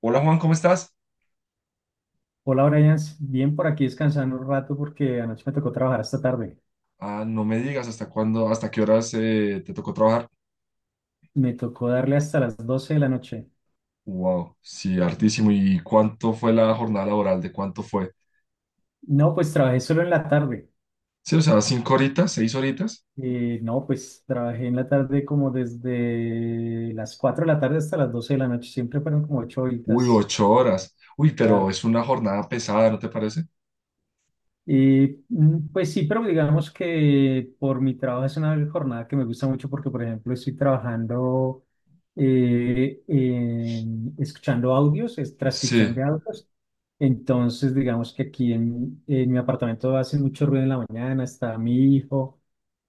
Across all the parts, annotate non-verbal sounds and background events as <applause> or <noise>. Hola Juan, ¿cómo estás? Hola Brian, bien por aquí descansando un rato porque anoche me tocó trabajar hasta tarde. Ah, no me digas hasta cuándo, hasta qué horas te tocó trabajar. Me tocó darle hasta las 12 de la noche. Wow, sí, hartísimo. ¿Y cuánto fue la jornada laboral? ¿De cuánto fue? No, pues trabajé solo en la tarde. Sí, o sea, cinco horitas, seis horitas. No, pues trabajé en la tarde como desde las 4 de la tarde hasta las 12 de la noche. Siempre fueron como 8 Uy, horitas, ocho horas. Uy, pero claro. es una jornada pesada, ¿no te parece? Y pues sí, pero digamos que por mi trabajo es una jornada que me gusta mucho porque, por ejemplo, estoy trabajando escuchando audios, es Sí, transcripción de audios. Entonces, digamos que aquí en mi apartamento hace mucho ruido en la mañana, está mi hijo,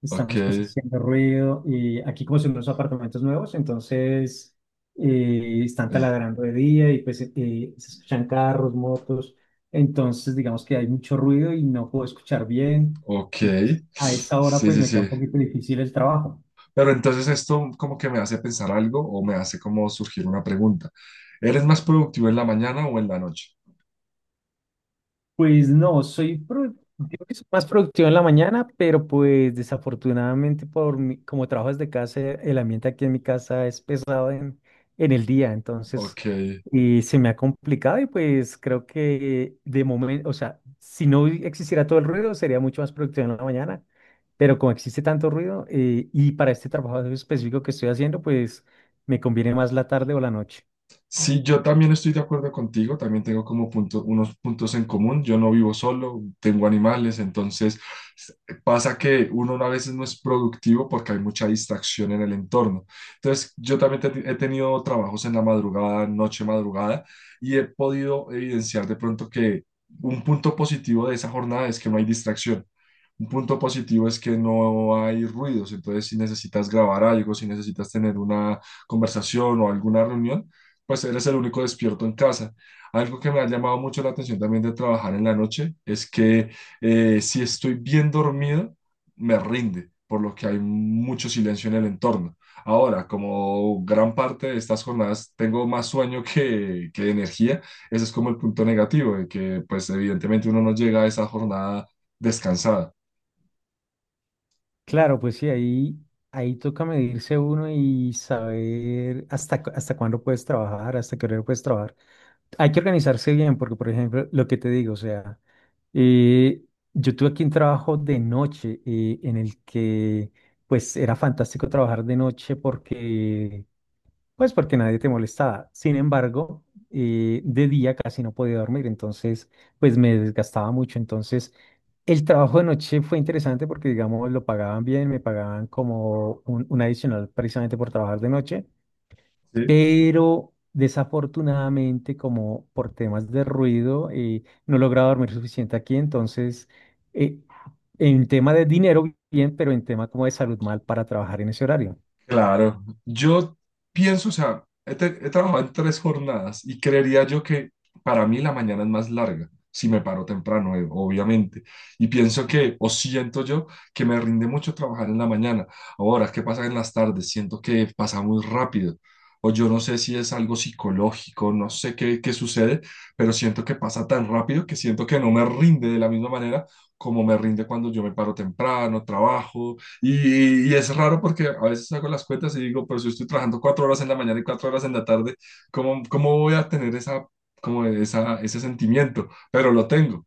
están ok, mis cosas haciendo ruido. Y aquí como son unos apartamentos nuevos, entonces están taladrando de día y pues se escuchan carros, motos. Entonces, digamos que hay mucho ruido y no puedo escuchar bien. ok. Entonces, a esa hora, Sí, pues sí, me queda sí. un poquito difícil el trabajo. Pero entonces esto como que me hace pensar algo o me hace como surgir una pregunta. ¿Eres más productivo en la mañana o en la noche? Pues no, soy, digo que soy más productivo en la mañana, pero pues desafortunadamente como trabajo desde casa, el ambiente aquí en mi casa es pesado en, el día, entonces Ok. y se me ha complicado y pues creo que de momento, o sea, si no existiera todo el ruido sería mucho más productivo en la mañana, pero como existe tanto ruido y para este trabajo específico que estoy haciendo, pues me conviene más la tarde o la noche. Sí, yo también estoy de acuerdo contigo, también tengo como unos puntos en común. Yo no vivo solo, tengo animales, entonces s- pasa que uno a veces no es productivo porque hay mucha distracción en el entorno. Entonces, yo también he tenido trabajos en la madrugada, noche madrugada, y he podido evidenciar de pronto que un punto positivo de esa jornada es que no hay distracción. Un punto positivo es que no hay ruidos, entonces si necesitas grabar algo, si necesitas tener una conversación o alguna reunión, pues eres el único despierto en casa. Algo que me ha llamado mucho la atención también de trabajar en la noche es que si estoy bien dormido, me rinde, por lo que hay mucho silencio en el entorno. Ahora, como gran parte de estas jornadas tengo más sueño que energía, ese es como el punto negativo, de que pues evidentemente uno no llega a esa jornada descansada. Claro, pues sí, ahí toca medirse uno y saber hasta cuándo puedes trabajar, hasta qué horario puedes trabajar. Hay que organizarse bien, porque, por ejemplo, lo que te digo, o sea, eh, yo tuve aquí un trabajo de noche en el que, pues, era fantástico trabajar de noche porque nadie te molestaba. Sin embargo, de día casi no podía dormir, entonces pues me desgastaba mucho. Entonces el trabajo de noche fue interesante porque digamos lo pagaban bien, me pagaban como un adicional precisamente por trabajar de noche, pero desafortunadamente como por temas de ruido no lograba dormir suficiente aquí, entonces eh, en tema de dinero bien, pero en tema como de salud mal para trabajar en ese horario. Claro, yo pienso, o sea, he trabajado en tres jornadas y creería yo que para mí la mañana es más larga, si me paro temprano, obviamente. Y pienso que, o siento yo, que me rinde mucho trabajar en la mañana. Ahora, ¿qué pasa en las tardes? Siento que pasa muy rápido. O yo no sé si es algo psicológico, no sé qué sucede, pero siento que pasa tan rápido que siento que no me rinde de la misma manera como me rinde cuando yo me paro temprano, trabajo. Y es raro porque a veces hago las cuentas y digo, pero si estoy trabajando cuatro horas en la mañana y cuatro horas en la tarde, ¿ cómo voy a tener esa, como esa, ese sentimiento? Pero lo tengo.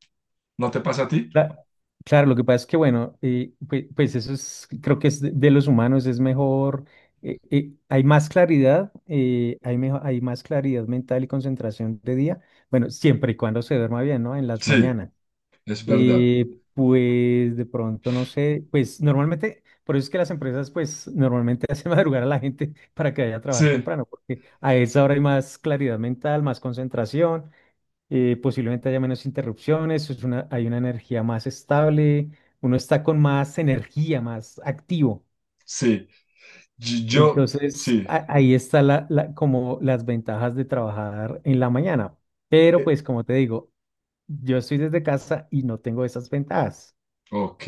¿No te pasa a ti? Cla- Claro, lo que pasa es que, bueno, pues, eso es, creo que es de los humanos, es mejor, hay más claridad, hay más claridad mental y concentración de día, bueno, siempre y cuando se duerma bien, ¿no? En las Sí, mañanas. es verdad. Eh, pues de pronto, no sé, pues normalmente, por eso es que las empresas, pues normalmente <laughs> hacen madrugar a la gente para que vaya a trabajar Sí, temprano, porque a esa hora hay más claridad mental, más concentración posiblemente haya menos interrupciones, hay una energía más estable, uno está con más energía, más activo. sí. Entonces, Sí. Ahí está como las ventajas de trabajar en la mañana. Pero pues, como te digo, yo estoy desde casa y no tengo esas ventajas. Ok.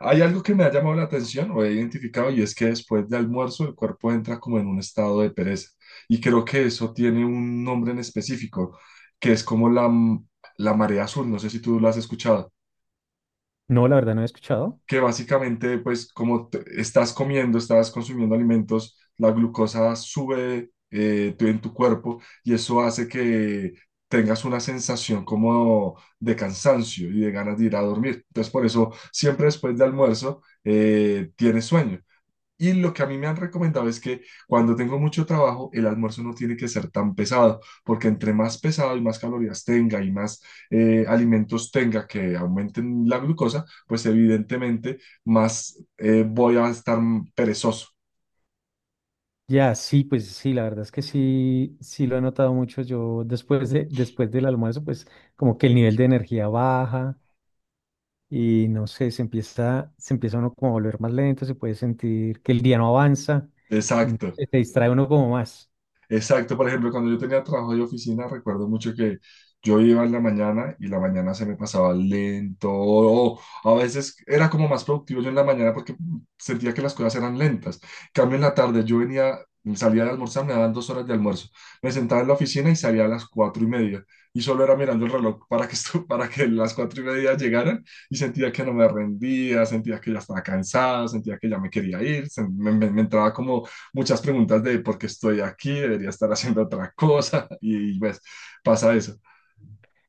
Hay algo que me ha llamado la atención o he identificado y es que después de almuerzo el cuerpo entra como en un estado de pereza. Y creo que eso tiene un nombre en específico, que es como la marea azul. No sé si tú lo has escuchado No, la verdad no he escuchado. que básicamente, pues como estás comiendo, estás consumiendo alimentos, la glucosa sube en tu cuerpo y eso hace que tengas una sensación como de cansancio y de ganas de ir a dormir. Entonces, por eso, siempre después de almuerzo, tienes sueño. Y lo que a mí me han recomendado es que cuando tengo mucho trabajo, el almuerzo no tiene que ser tan pesado, porque entre más pesado y más calorías tenga y más alimentos tenga que aumenten la glucosa, pues evidentemente más voy a estar perezoso. Ya, sí, pues sí, la verdad es que sí, sí lo he notado mucho. Yo después del almuerzo, pues como que el nivel de energía baja y no sé, se empieza, uno como a volver más lento, se puede sentir que el día no avanza y no Exacto. sé, se distrae uno como más. Exacto, por ejemplo, cuando yo tenía trabajo de oficina, recuerdo mucho que yo iba en la mañana y la mañana se me pasaba lento, o a veces era como más productivo yo en la mañana porque sentía que las cosas eran lentas. En cambio en la tarde, yo venía, salía de almorzar, me daban dos horas de almuerzo, me sentaba en la oficina y salía a las cuatro y media y solo era mirando el reloj para que, esto, <laughs> para que las cuatro y media llegaran y sentía que no me rendía, sentía que ya estaba cansado, sentía que ya me quería ir, me entraba como muchas preguntas de por qué estoy aquí, debería estar haciendo otra cosa <laughs> y, pues pasa eso.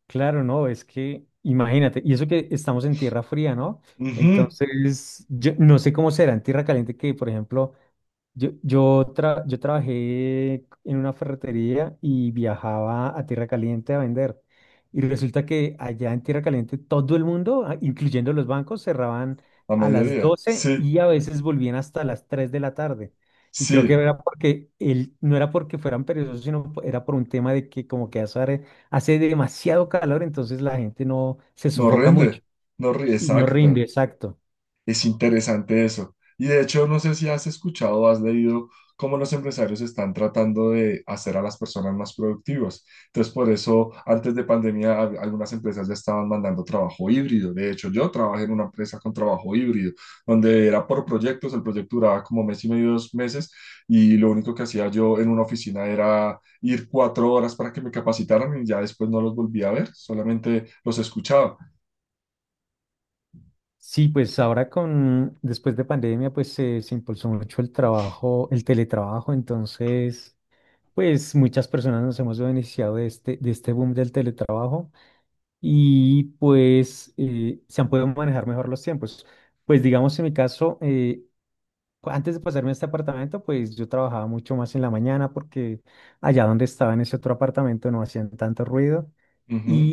Claro, no, es que imagínate, y eso que estamos en tierra fría, ¿no? Ujú. Entonces, yo no sé cómo será en tierra caliente que, por ejemplo, yo trabajé en una ferretería y viajaba a Tierra Caliente a vender. Y resulta que allá en Tierra Caliente todo el mundo, ah, incluyendo los bancos, cerraban A a las mediodía, 12 sí, y a veces volvían hasta las 3 de la tarde. Y creo que sí, era porque él, no era porque fueran perezosos, sino era por un tema de que como que hace demasiado calor, entonces la gente no se no sofoca rinde, mucho no ríe, y no rinde, exacto. exacto. Es interesante eso. Y de hecho, no sé si has escuchado o has leído cómo los empresarios están tratando de hacer a las personas más productivas. Entonces, por eso, antes de pandemia, algunas empresas ya estaban mandando trabajo híbrido. De hecho, yo trabajé en una empresa con trabajo híbrido, donde era por proyectos, el proyecto duraba como mes y medio, dos meses, y lo único que hacía yo en una oficina era ir cuatro horas para que me capacitaran y ya después no los volví a ver, solamente los escuchaba. Sí, pues ahora después de pandemia, pues se impulsó mucho el trabajo, el teletrabajo, entonces, pues muchas personas nos hemos beneficiado de este boom del teletrabajo y pues se han podido manejar mejor los tiempos. Pues digamos, en mi caso, antes de pasarme a este apartamento, pues yo trabajaba mucho más en la mañana porque allá donde estaba en ese otro apartamento no hacían tanto ruido, Ujú.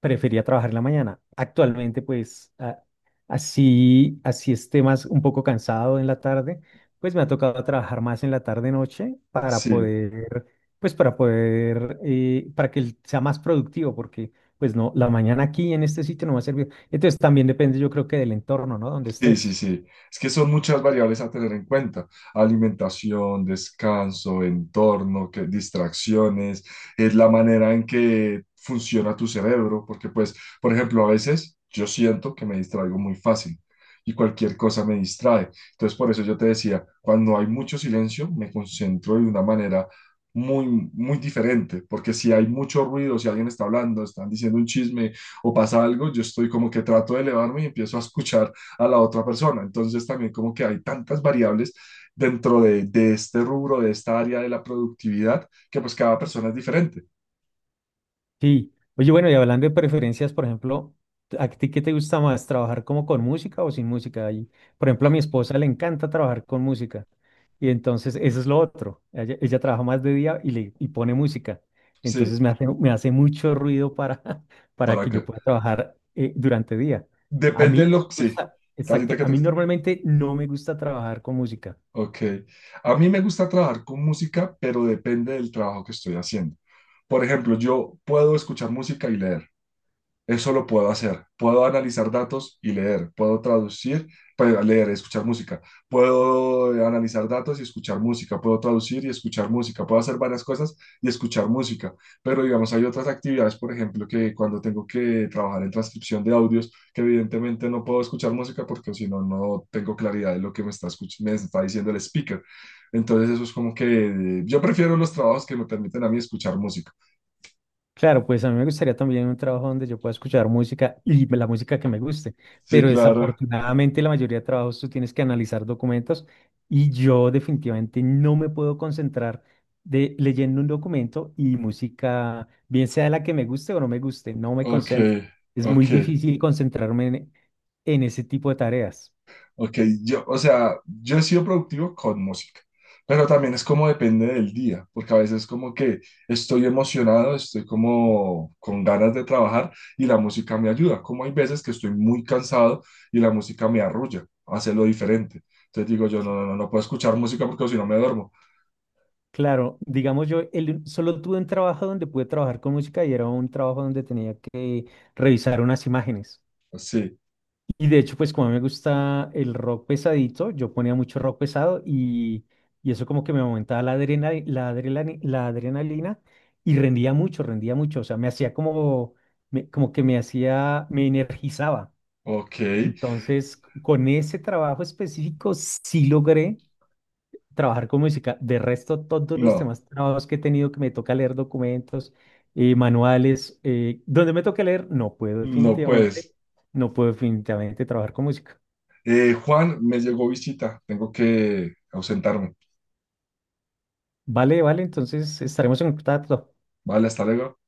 prefería trabajar en la mañana. Actualmente, pues, así esté más un poco cansado en la tarde, pues me ha tocado trabajar más en la tarde-noche para Sí. poder, para que sea más productivo, porque, pues, no, la mañana aquí en este sitio no me ha servido. Entonces, también depende, yo creo que del entorno, ¿no? Donde Sí, sí, estés. sí. Es que son muchas variables a tener en cuenta. Alimentación, descanso, entorno, que, distracciones, es la manera en que funciona tu cerebro, porque pues, por ejemplo, a veces yo siento que me distraigo muy fácil y cualquier cosa me distrae. Entonces, por eso yo te decía, cuando hay mucho silencio, me concentro de una manera muy diferente, porque si hay mucho ruido, si alguien está hablando, están diciendo un chisme o pasa algo, yo estoy como que trato de elevarme y empiezo a escuchar a la otra persona. Entonces también como que hay tantas variables dentro de este rubro, de esta área de la productividad, que pues cada persona es diferente. Sí. Oye, bueno, y hablando de preferencias, por ejemplo, ¿a ti qué te gusta más, trabajar como con música o sin música? Ahí, por ejemplo, a mi esposa le encanta trabajar con música. Y entonces, eso es lo otro. Ella trabaja más de día y, le, y pone música. Sí, Entonces, me hace mucho ruido para, <laughs> para para que yo acá. pueda trabajar durante día. A Depende mí de no lo que... me Sí. gusta, ¿Ahorita exacto, qué a te mí gusta? normalmente no me gusta trabajar con música. Ok. A mí me gusta trabajar con música, pero depende del trabajo que estoy haciendo. Por ejemplo, yo puedo escuchar música y leer. Eso lo puedo hacer. Puedo analizar datos y leer. Puedo traducir, pero leer, escuchar música. Puedo analizar datos y escuchar música. Puedo traducir y escuchar música. Puedo hacer varias cosas y escuchar música. Pero digamos, hay otras actividades, por ejemplo, que cuando tengo que trabajar en transcripción de audios, que evidentemente no puedo escuchar música porque si no, no tengo claridad de lo que me está, me está diciendo el speaker. Entonces eso es como que yo prefiero los trabajos que me permiten a mí escuchar música. Claro, pues a mí me gustaría también un trabajo donde yo pueda escuchar música y la música que me guste, Sí, pero claro. desafortunadamente la mayoría de trabajos tú tienes que analizar documentos y yo definitivamente no me puedo concentrar de leyendo un documento y música, bien sea la que me guste o no me guste, no me Ok, concentro. Es ok. muy difícil concentrarme en, ese tipo de tareas. Ok, o sea, yo he sido productivo con música, pero también es como depende del día, porque a veces como que estoy emocionado, estoy como con ganas de trabajar y la música me ayuda, como hay veces que estoy muy cansado y la música me arrulla, hace lo diferente. Entonces digo yo, no puedo escuchar música porque si no me duermo. Claro, digamos yo solo tuve un trabajo donde pude trabajar con música y era un trabajo donde tenía que revisar unas imágenes. Sí, Y de hecho, pues como a mí me gusta el rock pesadito, yo ponía mucho rock pesado y eso como que me aumentaba la adrenalina y rendía mucho, rendía mucho. O sea, me hacía como, me- como que me hacía, me energizaba. ok, Entonces, con ese trabajo específico sí logré trabajar con música. De resto, todos los no, temas trabajos que he tenido que me toca leer documentos, manuales, donde me toca leer, no puedo no pues. definitivamente, no puedo definitivamente trabajar con música. Juan, me llegó visita, tengo que ausentarme. Vale, vale, entonces estaremos en contacto. Vale, hasta luego.